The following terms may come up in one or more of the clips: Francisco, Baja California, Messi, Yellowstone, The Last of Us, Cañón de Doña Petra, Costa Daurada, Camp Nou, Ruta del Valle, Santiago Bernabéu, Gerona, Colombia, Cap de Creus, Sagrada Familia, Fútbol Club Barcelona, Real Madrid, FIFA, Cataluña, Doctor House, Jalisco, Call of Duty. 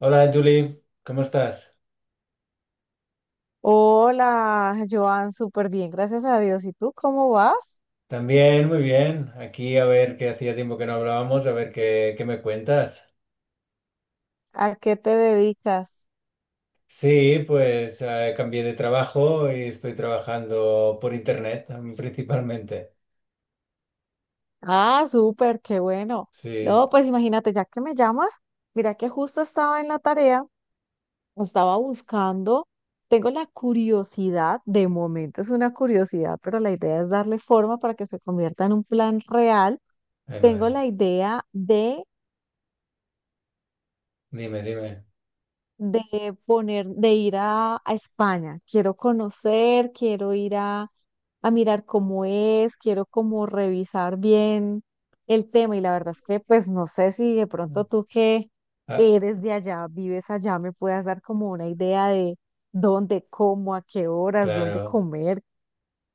Hola Julie, ¿cómo estás? Hola, Joan, súper bien, gracias a Dios. ¿Y tú cómo vas? También, muy bien. Aquí a ver qué hacía tiempo que no hablábamos, a ver qué me cuentas. ¿A qué te dedicas? Sí, pues cambié de trabajo y estoy trabajando por internet principalmente. Ah, súper, qué bueno. Sí, No, pues imagínate, ya que me llamas, mira que justo estaba en la tarea, estaba buscando, tengo la curiosidad, de momento es una curiosidad, pero la idea es darle forma para que se convierta en un plan real. ay Tengo madre. la idea de Dime, dime. poner, de ir a España. Quiero conocer, quiero ir a mirar cómo es, quiero como revisar bien el tema. Y la verdad es que pues no sé si de Mm. pronto tú que Ah, eres de allá, vives allá, me puedas dar como una idea de dónde, cómo, a qué horas, dónde claro, comer.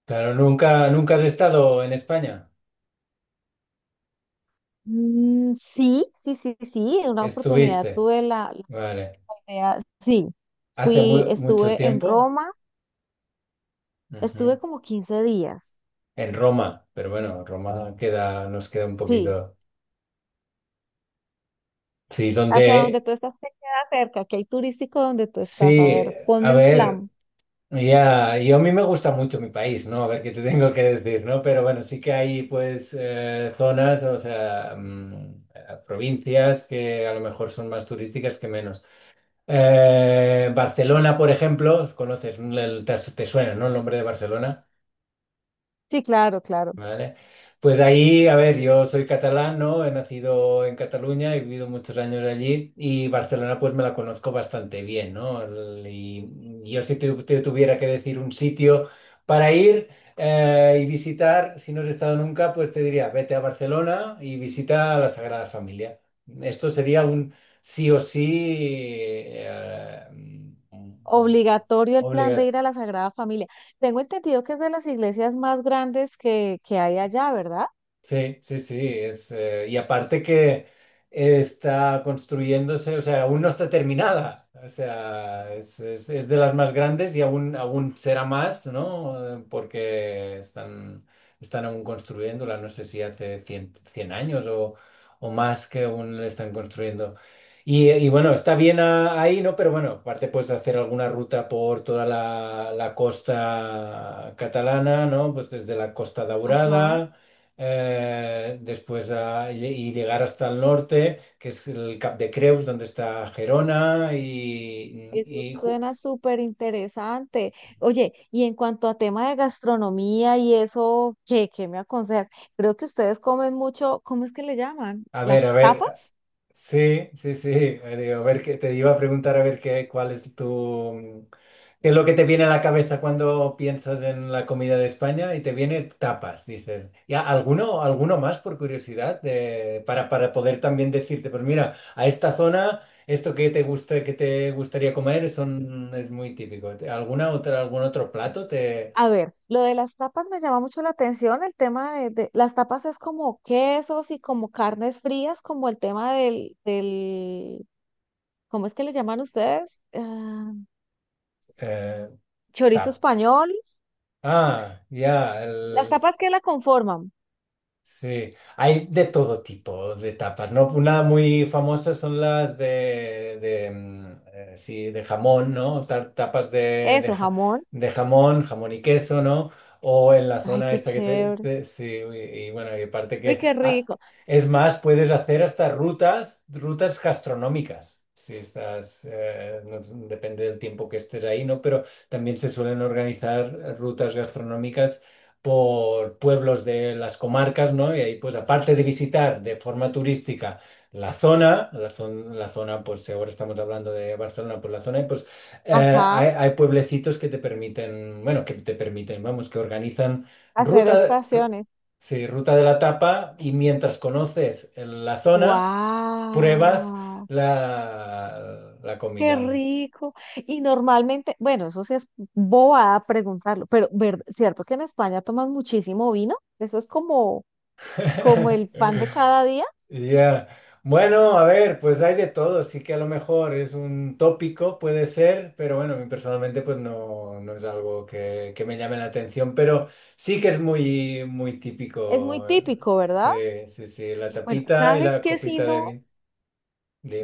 claro, nunca has estado en España. Mm, sí, sí, sí, sí, en una oportunidad Estuviste, tuve la, la vale. idea, sí, Hace fui, mucho estuve en tiempo. Roma, Ujú. estuve como 15 días, En Roma, pero bueno, Roma queda, nos queda un sí, poquito. Sí, hasta donde ¿dónde? tú estás te queda cerca, que hay turístico donde tú estás. A Sí, ver, a ponme un ver, plan. ya, yo a mí me gusta mucho mi país, ¿no? A ver qué te tengo que decir, ¿no? Pero bueno, sí que hay pues zonas, o sea, provincias que a lo mejor son más turísticas que menos. Barcelona, por ejemplo, conoces, te suena, ¿no? El nombre de Barcelona. Sí, claro, claro. Vale. Pues de ahí, a ver, yo soy catalán, ¿no? He nacido en Cataluña, he vivido muchos años allí y Barcelona pues me la conozco bastante bien, ¿no? Y yo, si te tuviera que decir un sitio para ir y visitar, si no has estado nunca, pues te diría, vete a Barcelona y visita la Sagrada Familia. Esto sería un sí o sí, eh, mm, Obligatorio el plan de ir obligatorio. a la Sagrada Familia. Tengo entendido que es de las iglesias más grandes que hay allá, ¿verdad? Sí, sí, sí, es, y aparte que está construyéndose, o sea, aún no está terminada, o sea, es de las más grandes y aún será más, ¿no? Porque están aún construyéndola, no sé si hace 100 años o más que aún la están construyendo. Y bueno, está bien ahí, ¿no? Pero bueno, aparte puedes hacer alguna ruta por toda la costa catalana, ¿no? Pues desde la Costa Ajá. Daurada, después y llegar hasta el norte, que es el Cap de Creus, donde está Gerona. Eso suena súper interesante. Oye, y en cuanto a tema de gastronomía y eso, ¿qué me aconsejas? Creo que ustedes comen mucho, ¿cómo es que le llaman? A ver, ¿Las a ver. tapas? Sí, sí, sí. Digo, a ver, que te iba a preguntar a ver qué, cuál es tu, mm, qué es lo que te viene a la cabeza cuando piensas en la comida de España y te viene tapas, dices. Y alguno más por curiosidad, para poder también decirte, pues mira, a esta zona esto que te gusta, que te gustaría comer son, es muy típico. ¿Alguna otra, algún otro plato te A ver, lo de las tapas me llama mucho la atención. El tema de las tapas es como quesos y como carnes frías, como el tema del ¿cómo es que le llaman ustedes? Ah, eh, chorizo tap? español. Ah, ya. Las tapas que la conforman. Sí, hay de todo tipo de tapas, ¿no? Una muy famosa son las de, sí, de jamón, ¿no? Tapas de, de, Eso, ja- jamón. de jamón, jamón y queso, ¿no? O en la Ay, zona qué esta que chévere. Sí, y bueno, y aparte Uy, que, qué rico. es más, puedes hacer hasta rutas gastronómicas. Si estás, depende del tiempo que estés ahí, ¿no? Pero también se suelen organizar rutas gastronómicas por pueblos de las comarcas, ¿no? Y ahí, pues, aparte de visitar de forma turística la zona, la zona, pues, si ahora estamos hablando de Barcelona, pues la zona, pues, hay, Ajá, hay pueblecitos que te permiten, bueno, que te permiten, vamos, que organizan hacer ruta, ru- estaciones. sí, ruta de la tapa y mientras conoces la zona, pruebas ¡Wow! la Qué comida de. rico. Y normalmente, bueno, eso sí es bobada preguntarlo, pero ver, ¿cierto que en España toman muchísimo vino? Eso es como, como el pan de cada día. Ya. Bueno, a ver, pues hay de todo, sí que a lo mejor es un tópico, puede ser, pero bueno, a mí personalmente pues no, no es algo que me llame la atención, pero sí que es muy, muy Es muy típico. típico, Sí, ¿verdad? sí, sí, la Bueno, tapita y ¿sabes la qué? Si copita de no, vino.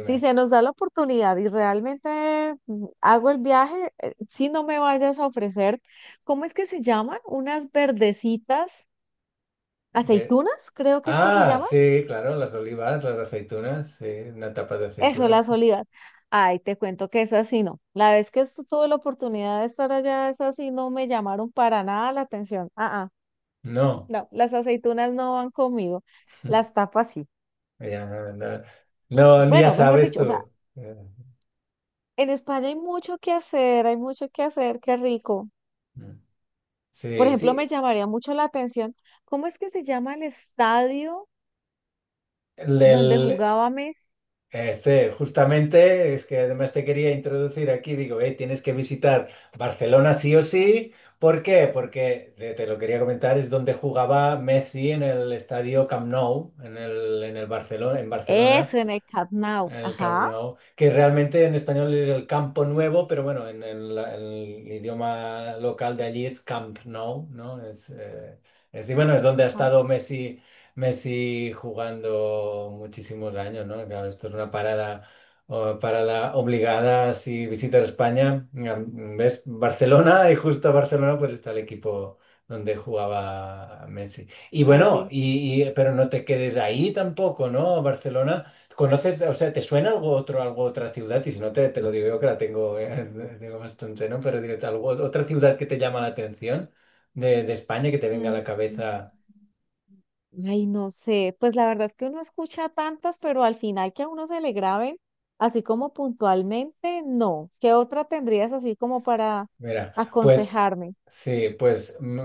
si se nos da la oportunidad y realmente hago el viaje, si no me vayas a ofrecer, ¿cómo es que se llaman? Unas verdecitas, Ve- aceitunas, creo que es que se Ah, llaman. sí, claro, las olivas, las aceitunas, sí, una tapa de Eso, la aceitunas. soledad. Ay, te cuento que esa sí no. La vez que tuve la oportunidad de estar allá, esa sí no me llamaron para nada la atención. Ah, ah, No, no, las aceitunas no van conmigo. Las tapas sí. ya, no, no, no, ya Bueno, mejor sabes dicho, tú. o sea, Eh, en España hay mucho que hacer, hay mucho que hacer, qué rico. mm, Por Sí, ejemplo, me sí. llamaría mucho la atención, ¿cómo es que se llama el estadio donde jugaba Messi? Este, justamente, es que además te quería introducir aquí, digo, tienes que visitar Barcelona sí o sí. ¿Por qué? Porque te lo quería comentar, es donde jugaba Messi en el estadio Camp Nou, en el Barcelona, en Eso, Barcelona. en el Camp Nou. El Camp Ajá, Nou, que realmente en español es el Campo Nuevo, pero bueno, en el idioma local de allí es Camp Nou, ¿no? Y bueno, es donde ha ajá, estado Messi, jugando muchísimos años, ¿no? Claro, esto es una parada obligada si visitas España. Mira, ¿ves? Barcelona, y justo a Barcelona pues está el equipo donde jugaba Messi. Y bueno, Messi. Pero no te quedes ahí tampoco, ¿no? Barcelona. ¿Conoces, o sea, te suena algo otro, algo otra ciudad? Y si no te lo digo yo que la tengo, tengo bastante, ¿no? Pero digo, algo, otra ciudad que te llama la atención de España que te venga a la Mm. cabeza. Ay, no sé, pues la verdad es que uno escucha tantas, pero al final que a uno se le graben, así como puntualmente, no. ¿Qué otra tendrías así como para Mira, pues aconsejarme? sí, pues mm,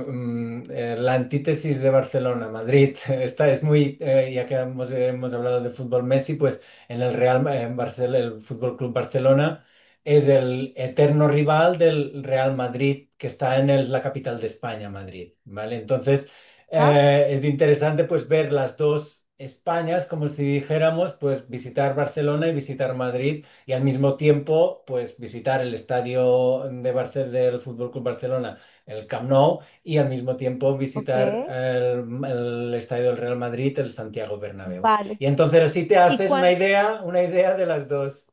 mm, eh, la antítesis de Barcelona-Madrid, esta es muy, ya que hemos hablado de fútbol Messi, pues en en Barcelona, el Fútbol Club Barcelona es el eterno rival del Real Madrid, que está en la capital de España, Madrid, ¿vale? Entonces, Ah, es interesante pues ver las dos Españas, como si dijéramos, pues visitar Barcelona y visitar Madrid y al mismo tiempo, pues visitar el estadio de del Fútbol Club Barcelona, el Camp Nou, y al mismo tiempo ok, visitar el estadio del Real Madrid, el Santiago Bernabéu. vale. Y entonces así te ¿Y haces cuán- una idea de las dos,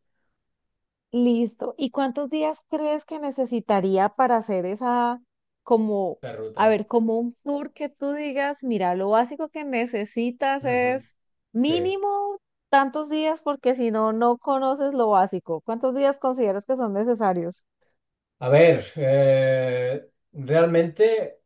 Listo. ¿Y cuántos días crees que necesitaría para hacer esa, como, la a ruta. ver, como un tour que tú digas, mira, lo básico que necesitas Ujú. es Sí. mínimo tantos días porque si no, no conoces lo básico. ¿Cuántos días consideras que son necesarios? A ver, realmente,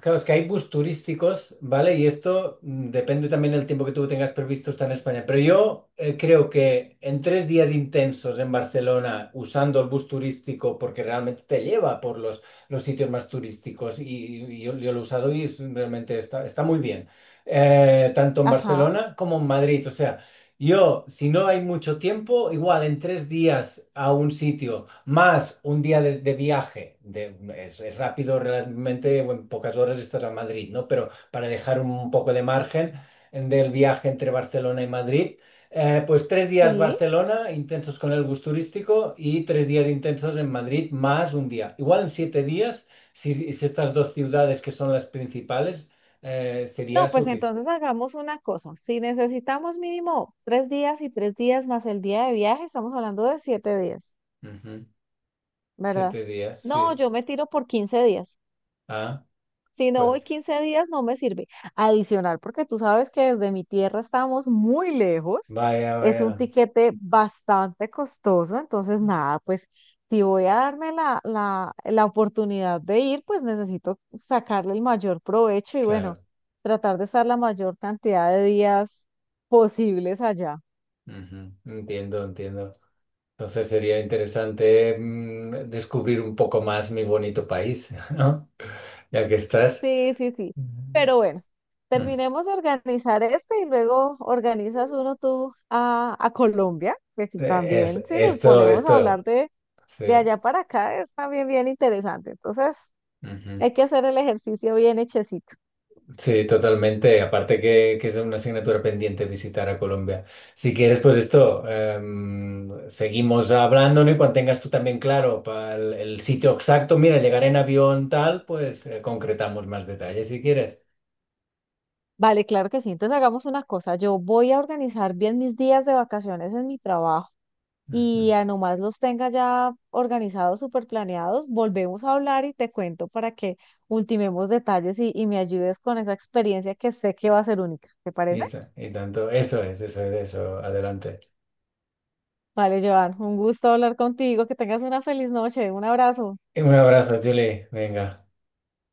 claro, es que hay bus turísticos, ¿vale? Y esto depende también del tiempo que tú tengas previsto estar en España. Pero yo creo que en 3 días intensos en Barcelona, usando el bus turístico, porque realmente te lleva por los sitios más turísticos, y yo lo he usado y realmente está muy bien. Tanto en Ajá, Barcelona como en Madrid. O sea. Yo, si no hay mucho tiempo, igual en 3 días a un sitio, más un día de viaje, es rápido realmente, bueno, en pocas horas estás a Madrid, ¿no? Pero para dejar un poco de margen del viaje entre Barcelona y Madrid, pues 3 días sí. Barcelona, intensos con el bus turístico, y 3 días intensos en Madrid, más un día. Igual en 7 días, si estas dos ciudades que son las principales, sería No, pues suficiente. entonces hagamos una cosa. Si necesitamos mínimo 3 días y 3 días más el día de viaje, estamos hablando de 7 días, ¿verdad? 7 días, No, sí. yo me tiro por 15 días. Ah. Si no Pues voy 15 días, no me sirve. Adicional, porque tú sabes que desde mi tierra estamos muy lejos. vaya, Es un vaya, tiquete bastante costoso, entonces nada, pues si voy a darme la oportunidad de ir, pues necesito sacarle el mayor provecho y bueno, claro. tratar de estar la mayor cantidad de días posibles allá. Ujú. Entiendo, entiendo. Entonces sería interesante descubrir un poco más mi bonito país, ¿no? Ya que estás. Sí, sí, sí. Mm. Pero bueno, terminemos de organizar este y luego organizas uno tú a Colombia, que si Eh, Es, también si nos esto, ponemos a hablar esto, sí. de allá para acá es también bien interesante. Entonces, Ujú. hay que hacer el ejercicio bien hechecito. Sí, totalmente. Aparte que es una asignatura pendiente visitar a Colombia. Si quieres, pues esto, seguimos hablando, ¿no? Y cuando tengas tú también claro el sitio exacto, mira, llegar en avión tal, pues concretamos más detalles si quieres. Vale, claro que sí. Entonces hagamos una cosa. Yo voy a organizar bien mis días de vacaciones en mi trabajo. Ujú. Y a nomás los tenga ya organizados, súper planeados, volvemos a hablar y te cuento para que ultimemos detalles y me ayudes con esa experiencia que sé que va a ser única. ¿Te parece? Y tanto, eso es, eso es, eso, adelante. Vale, Joan, un gusto hablar contigo, que tengas una feliz noche, un abrazo. Un abrazo, Julie, venga.